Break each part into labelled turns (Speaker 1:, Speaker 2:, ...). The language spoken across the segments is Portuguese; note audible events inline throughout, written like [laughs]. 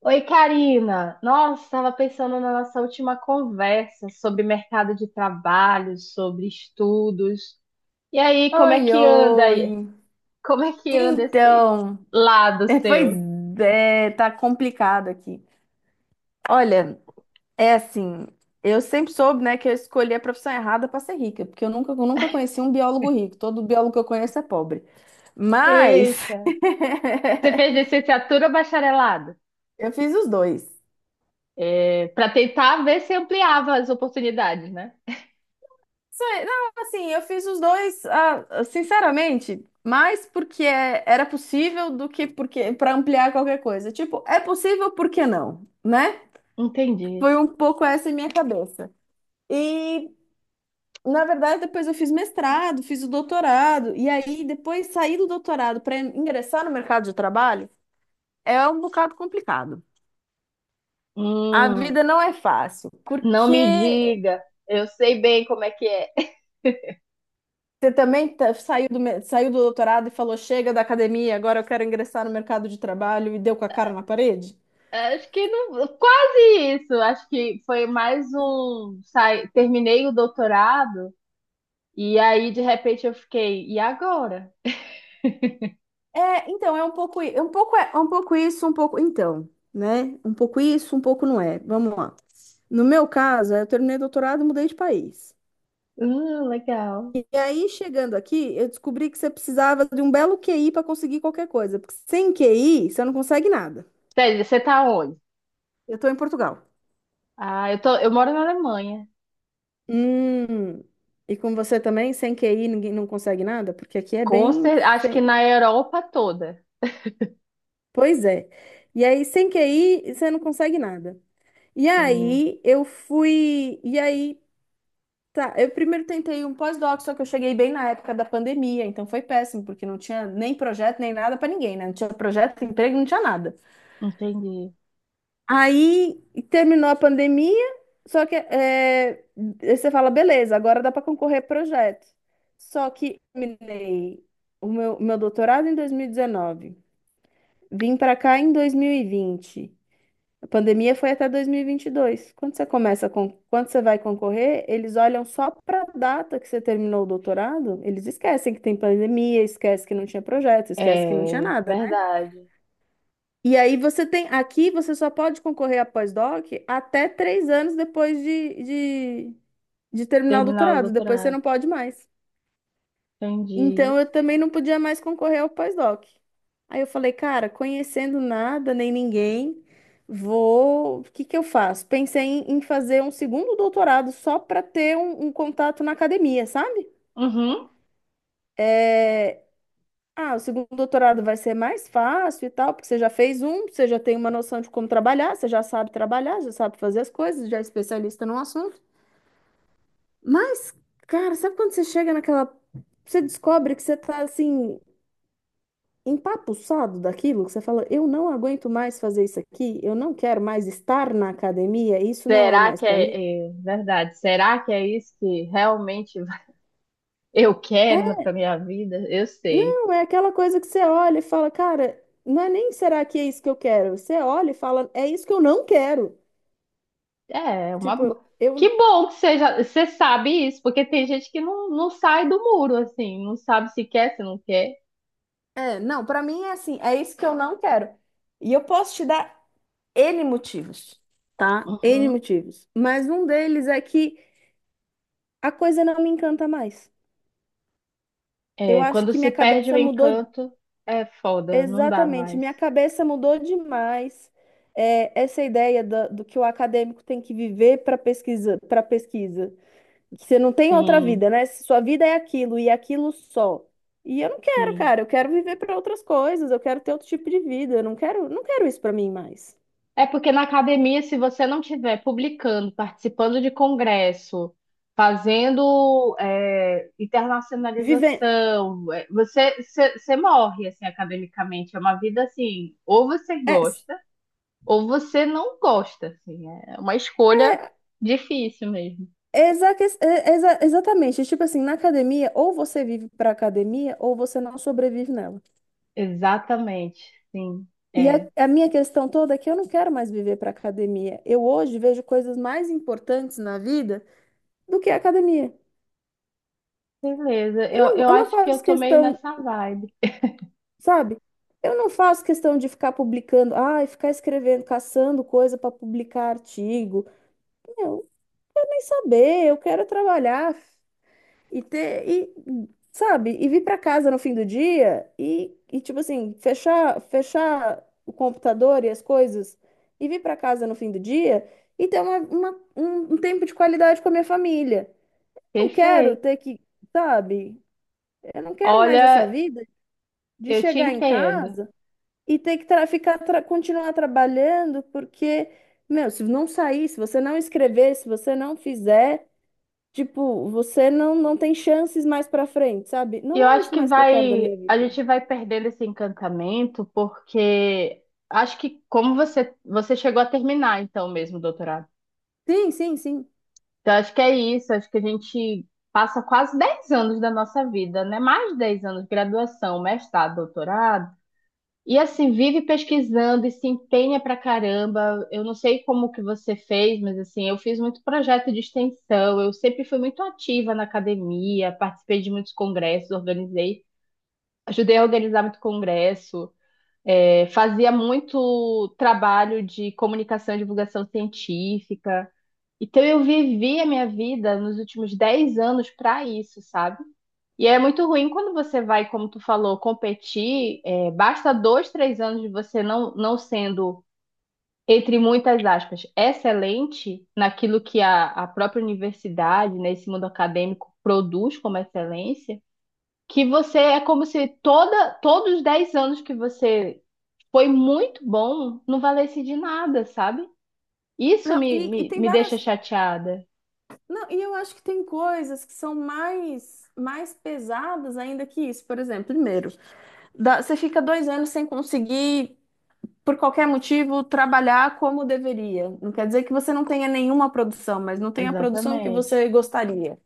Speaker 1: Oi, Karina. Nossa, estava pensando na nossa última conversa sobre mercado de trabalho, sobre estudos. E aí, como é
Speaker 2: Oi,
Speaker 1: que anda
Speaker 2: oi.
Speaker 1: aí? Como é que anda esse
Speaker 2: Então, [laughs]
Speaker 1: lado
Speaker 2: é, pois
Speaker 1: seu?
Speaker 2: tá complicado aqui. Olha, é assim, eu sempre soube, né, que eu escolhi a profissão errada para ser rica, porque eu nunca conheci um biólogo rico. Todo biólogo que eu conheço é pobre. Mas
Speaker 1: Eita. Você fez
Speaker 2: [laughs]
Speaker 1: licenciatura ou bacharelado?
Speaker 2: eu fiz os dois.
Speaker 1: É, para tentar ver se ampliava as oportunidades, né?
Speaker 2: Não, assim, eu fiz os dois, ah, sinceramente, mais porque era possível do que porque para ampliar qualquer coisa. Tipo, é possível, por que não, né?
Speaker 1: Entendi.
Speaker 2: Foi um pouco essa a minha cabeça. E, na verdade, depois eu fiz mestrado, fiz o doutorado, e aí depois sair do doutorado para ingressar no mercado de trabalho é um bocado complicado. A
Speaker 1: Hum,
Speaker 2: vida não é fácil,
Speaker 1: não
Speaker 2: porque
Speaker 1: me diga. Eu sei bem como é que é.
Speaker 2: você também saiu do, saiu do doutorado e falou: chega da academia, agora eu quero ingressar no mercado de trabalho e deu com a cara na parede.
Speaker 1: Acho que não, quase isso. Acho que foi mais um. Terminei o doutorado e aí de repente eu fiquei. E agora?
Speaker 2: É, então, é um pouco, i- é um pouco, é, é um pouco isso, um pouco. Então, né? Um pouco isso, um pouco não é. Vamos lá. No meu caso, eu terminei doutorado e mudei de país.
Speaker 1: Legal.
Speaker 2: E aí, chegando aqui, eu descobri que você precisava de um belo QI para conseguir qualquer coisa, porque sem QI, você não consegue nada.
Speaker 1: Tese, você tá onde?
Speaker 2: Eu estou em Portugal.
Speaker 1: Ah, eu moro na Alemanha.
Speaker 2: Hum, e com você também, sem QI, ninguém não consegue nada? Porque aqui é bem
Speaker 1: Acho que
Speaker 2: sem...
Speaker 1: na Europa toda.
Speaker 2: Pois é. E aí, sem QI, você não consegue nada. E
Speaker 1: Sim,
Speaker 2: aí, eu fui. E aí. Tá, eu primeiro tentei um pós-doc, só que eu cheguei bem na época da pandemia, então foi péssimo, porque não tinha nem projeto, nem nada para ninguém, né? Não tinha projeto, emprego, não tinha nada.
Speaker 1: entendi.
Speaker 2: Aí terminou a pandemia, só que é, aí você fala, beleza, agora dá para concorrer a projeto. Só que terminei meu doutorado em 2019, vim para cá em 2020. A pandemia foi até 2022. Quando você vai concorrer, eles olham só para a data que você terminou o doutorado, eles esquecem que tem pandemia, esquecem que não tinha projeto, esquecem que não tinha
Speaker 1: É
Speaker 2: nada, né?
Speaker 1: verdade.
Speaker 2: Aqui você só pode concorrer a pós-doc até 3 anos depois de terminar o
Speaker 1: Terminar o
Speaker 2: doutorado, depois você não
Speaker 1: doutorado.
Speaker 2: pode mais.
Speaker 1: Entendi.
Speaker 2: Então eu também não podia mais concorrer ao pós-doc. Aí eu falei, cara, conhecendo nada nem ninguém, vou. O que que eu faço? Pensei em fazer um segundo doutorado só para ter um contato na academia, sabe?
Speaker 1: Uhum.
Speaker 2: Ah, o segundo doutorado vai ser mais fácil e tal, porque você já fez um, você já tem uma noção de como trabalhar, você já sabe trabalhar, já sabe fazer as coisas, já é especialista no assunto. Mas, cara, sabe quando você chega naquela. Você descobre que você tá assim, empapuçado daquilo, que você fala, eu não aguento mais fazer isso aqui, eu não quero mais estar na academia, isso não é
Speaker 1: Será
Speaker 2: mais
Speaker 1: que
Speaker 2: para mim.
Speaker 1: é verdade? Será que é isso que realmente [laughs] eu
Speaker 2: É,
Speaker 1: quero para minha vida? Eu sei.
Speaker 2: não, é aquela coisa que você olha e fala, cara, não é nem será que é isso que eu quero? Você olha e fala, é isso que eu não quero.
Speaker 1: É, uma.
Speaker 2: Tipo, eu,
Speaker 1: Que bom que você, já, você sabe isso, porque tem gente que não sai do muro, assim, não sabe se quer, se não quer.
Speaker 2: é, não, para mim é assim, é isso que eu não quero. E eu posso te dar N motivos, tá? N
Speaker 1: Uhum.
Speaker 2: motivos. Mas um deles é que a coisa não me encanta mais. Eu
Speaker 1: É,
Speaker 2: acho
Speaker 1: quando
Speaker 2: que
Speaker 1: se
Speaker 2: minha
Speaker 1: perde o
Speaker 2: cabeça mudou.
Speaker 1: encanto, é foda, não dá
Speaker 2: Exatamente,
Speaker 1: mais.
Speaker 2: minha cabeça mudou demais. É, essa ideia que o acadêmico tem que viver para pesquisa, que você não tem outra vida,
Speaker 1: Sim,
Speaker 2: né? Sua vida é aquilo e aquilo só. E eu não quero,
Speaker 1: sim.
Speaker 2: cara, eu quero viver para outras coisas, eu quero ter outro tipo de vida, eu não quero, não quero isso para mim mais.
Speaker 1: É porque na academia, se você não estiver publicando, participando de congresso, fazendo
Speaker 2: Viver
Speaker 1: internacionalização, você morre, assim, academicamente. É uma vida assim, ou você
Speaker 2: é,
Speaker 1: gosta, ou você não gosta, assim, é uma escolha difícil mesmo.
Speaker 2: Exa é- exa- exatamente, tipo assim, na academia, ou você vive para academia ou você não sobrevive nela.
Speaker 1: Exatamente, sim,
Speaker 2: E
Speaker 1: é.
Speaker 2: a minha questão toda é que eu não quero mais viver para academia. Eu hoje vejo coisas mais importantes na vida do que a academia.
Speaker 1: Beleza, eu, eu
Speaker 2: Eu não
Speaker 1: acho que eu
Speaker 2: faço
Speaker 1: tô meio
Speaker 2: questão,
Speaker 1: nessa vibe.
Speaker 2: sabe? Eu não faço questão de ficar publicando, ai, ficar escrevendo, caçando coisa para publicar artigo. Meu, eu nem saber, eu quero trabalhar. E ter, e, sabe, e vir para casa no fim do dia e tipo assim, fechar o computador e as coisas e vir para casa no fim do dia e ter um tempo de qualidade com a minha família. Não quero
Speaker 1: Perfeito.
Speaker 2: ter que, sabe, eu não quero mais essa
Speaker 1: Olha,
Speaker 2: vida de
Speaker 1: eu te
Speaker 2: chegar em
Speaker 1: entendo.
Speaker 2: casa e ter que tra ficar tra continuar trabalhando porque, meu, se não sair, se você não escrever, se você não fizer. Tipo, você não tem chances mais pra frente, sabe?
Speaker 1: E
Speaker 2: Não
Speaker 1: eu
Speaker 2: é
Speaker 1: acho
Speaker 2: isso
Speaker 1: que
Speaker 2: mais que eu quero da
Speaker 1: vai,
Speaker 2: minha
Speaker 1: a
Speaker 2: vida.
Speaker 1: gente vai perdendo esse encantamento porque acho que como você chegou a terminar então mesmo o doutorado.
Speaker 2: Sim, sim, sim.
Speaker 1: Então acho que é isso, acho que a gente passa quase 10 anos da nossa vida, né? Mais de 10 anos, graduação, mestrado, doutorado. E assim, vive pesquisando e se empenha pra caramba. Eu não sei como que você fez, mas assim, eu fiz muito projeto de extensão, eu sempre fui muito ativa na academia, participei de muitos congressos, organizei, ajudei a organizar muito congresso, fazia muito trabalho de comunicação e divulgação científica. Então eu vivi a minha vida nos últimos 10 anos para isso, sabe? E é muito ruim quando você vai, como tu falou, competir. Basta 2, 3 anos de você não sendo, entre muitas aspas, excelente naquilo que a própria universidade, né, esse mundo acadêmico produz como excelência, que você é como se todos os 10 anos que você foi muito bom não valesse de nada, sabe? Isso
Speaker 2: Não,
Speaker 1: me,
Speaker 2: e
Speaker 1: me,
Speaker 2: tem
Speaker 1: me deixa
Speaker 2: várias.
Speaker 1: chateada.
Speaker 2: Não, e eu acho que tem coisas que são mais pesadas ainda que isso. Por exemplo, primeiro, você fica 2 anos sem conseguir, por qualquer motivo, trabalhar como deveria. Não quer dizer que você não tenha nenhuma produção, mas não tem a produção que
Speaker 1: Exatamente.
Speaker 2: você gostaria.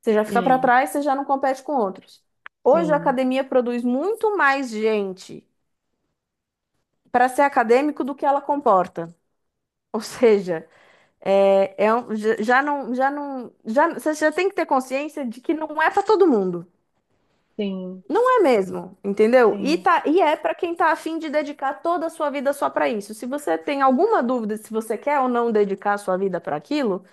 Speaker 2: Você já fica para
Speaker 1: Sim,
Speaker 2: trás, você já não compete com outros. Hoje a
Speaker 1: sim,
Speaker 2: academia produz muito mais gente para ser acadêmico do que ela comporta. Ou seja, é, é um- já já não, já não, já, você já tem que ter consciência de que não é para todo mundo.
Speaker 1: sim,
Speaker 2: Não é mesmo, entendeu? E,
Speaker 1: sim,
Speaker 2: tá, e é para quem tá afim de dedicar toda a sua vida só para isso. Se você tem alguma dúvida se você quer ou não dedicar a sua vida para aquilo,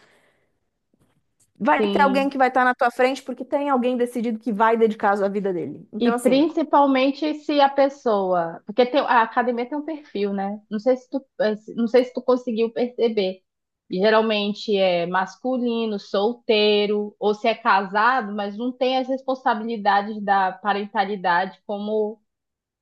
Speaker 2: vai ter alguém
Speaker 1: sim.
Speaker 2: que vai estar na tua frente porque tem alguém decidido que vai dedicar a sua vida dele.
Speaker 1: E
Speaker 2: Então, assim,
Speaker 1: principalmente se a pessoa, porque a academia tem um perfil, né? Não sei se tu, conseguiu perceber. Geralmente é masculino, solteiro, ou se é casado, mas não tem as responsabilidades da parentalidade como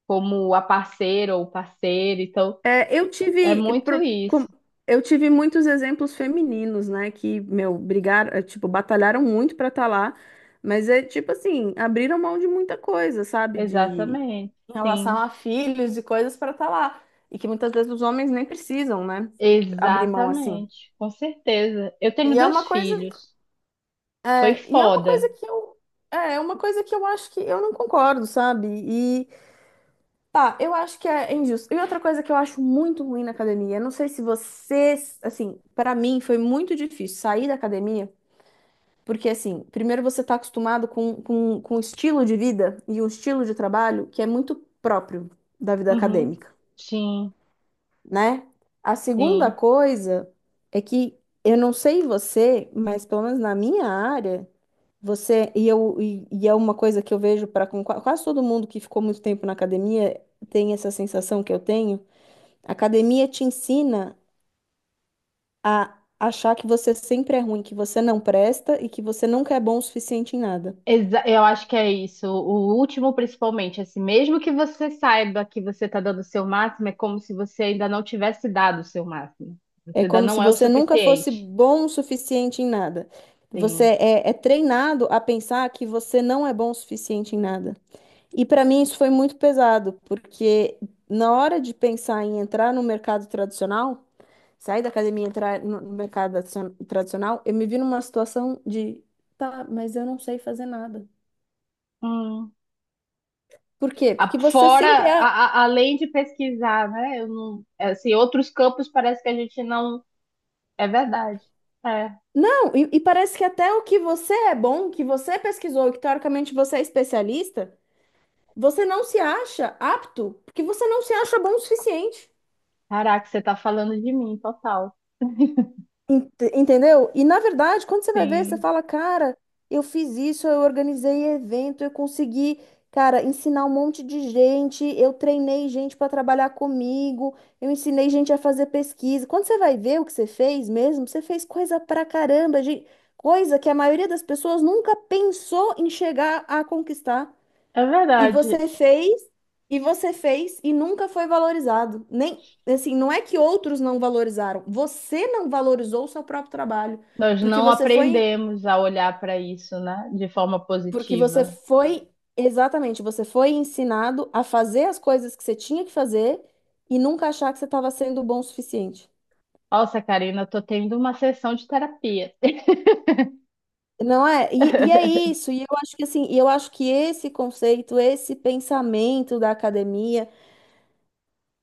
Speaker 1: como a parceira ou parceiro. Então,
Speaker 2: É, eu
Speaker 1: é
Speaker 2: tive,
Speaker 1: muito
Speaker 2: pro- com-
Speaker 1: isso.
Speaker 2: eu tive muitos exemplos femininos, né, que, meu, brigaram, é, tipo, batalharam muito pra estar lá, mas é tipo assim, abriram mão de muita coisa, sabe, de
Speaker 1: Exatamente.
Speaker 2: em relação
Speaker 1: Sim.
Speaker 2: a filhos e coisas pra estar lá, e que muitas vezes os homens nem precisam, né, abrir mão assim.
Speaker 1: Exatamente, com certeza. Eu tenho
Speaker 2: E é
Speaker 1: dois
Speaker 2: uma coisa,
Speaker 1: filhos. Foi
Speaker 2: é, e é uma
Speaker 1: foda.
Speaker 2: coisa que eu, é é uma coisa que eu acho que eu não concordo, sabe? Tá, eu acho que é injusto. E outra coisa que eu acho muito ruim na academia, eu não sei se vocês, assim, pra mim foi muito difícil sair da academia, porque assim, primeiro você tá acostumado com um estilo de vida e um estilo de trabalho que é muito próprio da vida
Speaker 1: Uhum.
Speaker 2: acadêmica,
Speaker 1: Sim,
Speaker 2: né? A segunda
Speaker 1: sim.
Speaker 2: coisa é que eu não sei você, mas pelo menos na minha área, você, e eu, e é uma coisa que eu vejo para quase todo mundo que ficou muito tempo na academia, tem essa sensação que eu tenho. A academia te ensina a achar que você sempre é ruim, que você não presta e que você nunca é bom o suficiente em nada.
Speaker 1: Eu acho que é isso. O último, principalmente, assim, mesmo que você saiba que você está dando o seu máximo, é como se você ainda não tivesse dado o seu máximo. Você
Speaker 2: É
Speaker 1: ainda
Speaker 2: como se
Speaker 1: não é o
Speaker 2: você nunca fosse
Speaker 1: suficiente.
Speaker 2: bom o suficiente em nada. Você
Speaker 1: Sim.
Speaker 2: é treinado a pensar que você não é bom o suficiente em nada. E para mim isso foi muito pesado, porque na hora de pensar em entrar no mercado tradicional, sair da academia e entrar no no tradicional, eu me vi numa situação de, tá, mas eu não sei fazer nada.
Speaker 1: Hum.
Speaker 2: Por quê? Porque você sempre
Speaker 1: Fora,
Speaker 2: é...
Speaker 1: além de pesquisar, né? Eu não, assim, outros campos parece que a gente não. É verdade. É.
Speaker 2: Não, e parece que até o que você é bom, que você pesquisou, que teoricamente você é especialista, você não se acha apto, porque você não se acha bom o suficiente.
Speaker 1: Caraca, você tá falando de mim, total.
Speaker 2: Entendeu? E na verdade, quando você vai ver, você
Speaker 1: Sim,
Speaker 2: fala, cara, eu fiz isso, eu organizei evento, eu consegui, cara, ensinar um monte de gente, eu treinei gente para trabalhar comigo, eu ensinei gente a fazer pesquisa. Quando você vai ver o que você fez mesmo, você fez coisa pra caramba, gente, coisa que a maioria das pessoas nunca pensou em chegar a conquistar.
Speaker 1: é
Speaker 2: E
Speaker 1: verdade.
Speaker 2: você fez, e nunca foi valorizado. Nem, assim, não é que outros não valorizaram. Você não valorizou o seu próprio trabalho,
Speaker 1: Nós
Speaker 2: porque
Speaker 1: não
Speaker 2: você foi,
Speaker 1: aprendemos a olhar para isso, né, de forma
Speaker 2: porque você
Speaker 1: positiva.
Speaker 2: foi, exatamente, você foi ensinado a fazer as coisas que você tinha que fazer e nunca achar que você estava sendo bom o suficiente.
Speaker 1: Nossa, Karina, eu tô tendo uma sessão de terapia.
Speaker 2: Não é? E é
Speaker 1: [laughs]
Speaker 2: isso. E eu acho que assim, e eu acho que esse conceito, esse pensamento da academia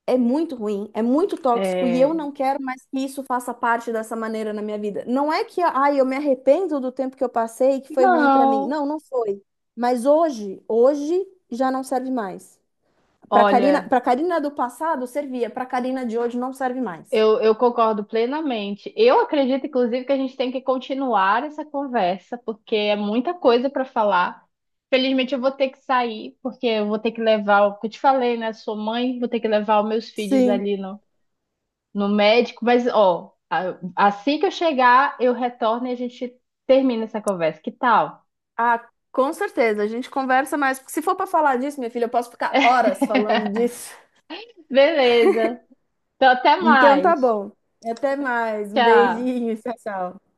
Speaker 2: é muito ruim, é muito tóxico e eu
Speaker 1: É,
Speaker 2: não quero mais que isso faça parte dessa maneira na minha vida. Não é que, ai, eu me arrependo do tempo que eu passei, que foi ruim pra mim.
Speaker 1: não,
Speaker 2: Não, não foi. Mas hoje, hoje já não serve mais. Pra Karina,
Speaker 1: olha,
Speaker 2: para Karina do passado servia, pra Karina de hoje não serve mais.
Speaker 1: eu concordo plenamente. Eu acredito, inclusive, que a gente tem que continuar essa conversa, porque é muita coisa para falar. Felizmente, eu vou ter que sair, porque eu vou ter que levar, o que eu te falei, né? Sou mãe, vou ter que levar os meus filhos
Speaker 2: Sim.
Speaker 1: ali no médico, mas ó, assim que eu chegar, eu retorno e a gente termina essa conversa. Que tal?
Speaker 2: Ah, com certeza, a gente conversa mais, porque se for pra falar disso, minha filha, eu posso ficar horas falando disso.
Speaker 1: Beleza. Então, até
Speaker 2: Então tá
Speaker 1: mais.
Speaker 2: bom. Até mais. Um
Speaker 1: Tchau.
Speaker 2: beijinho, tchau, tchau.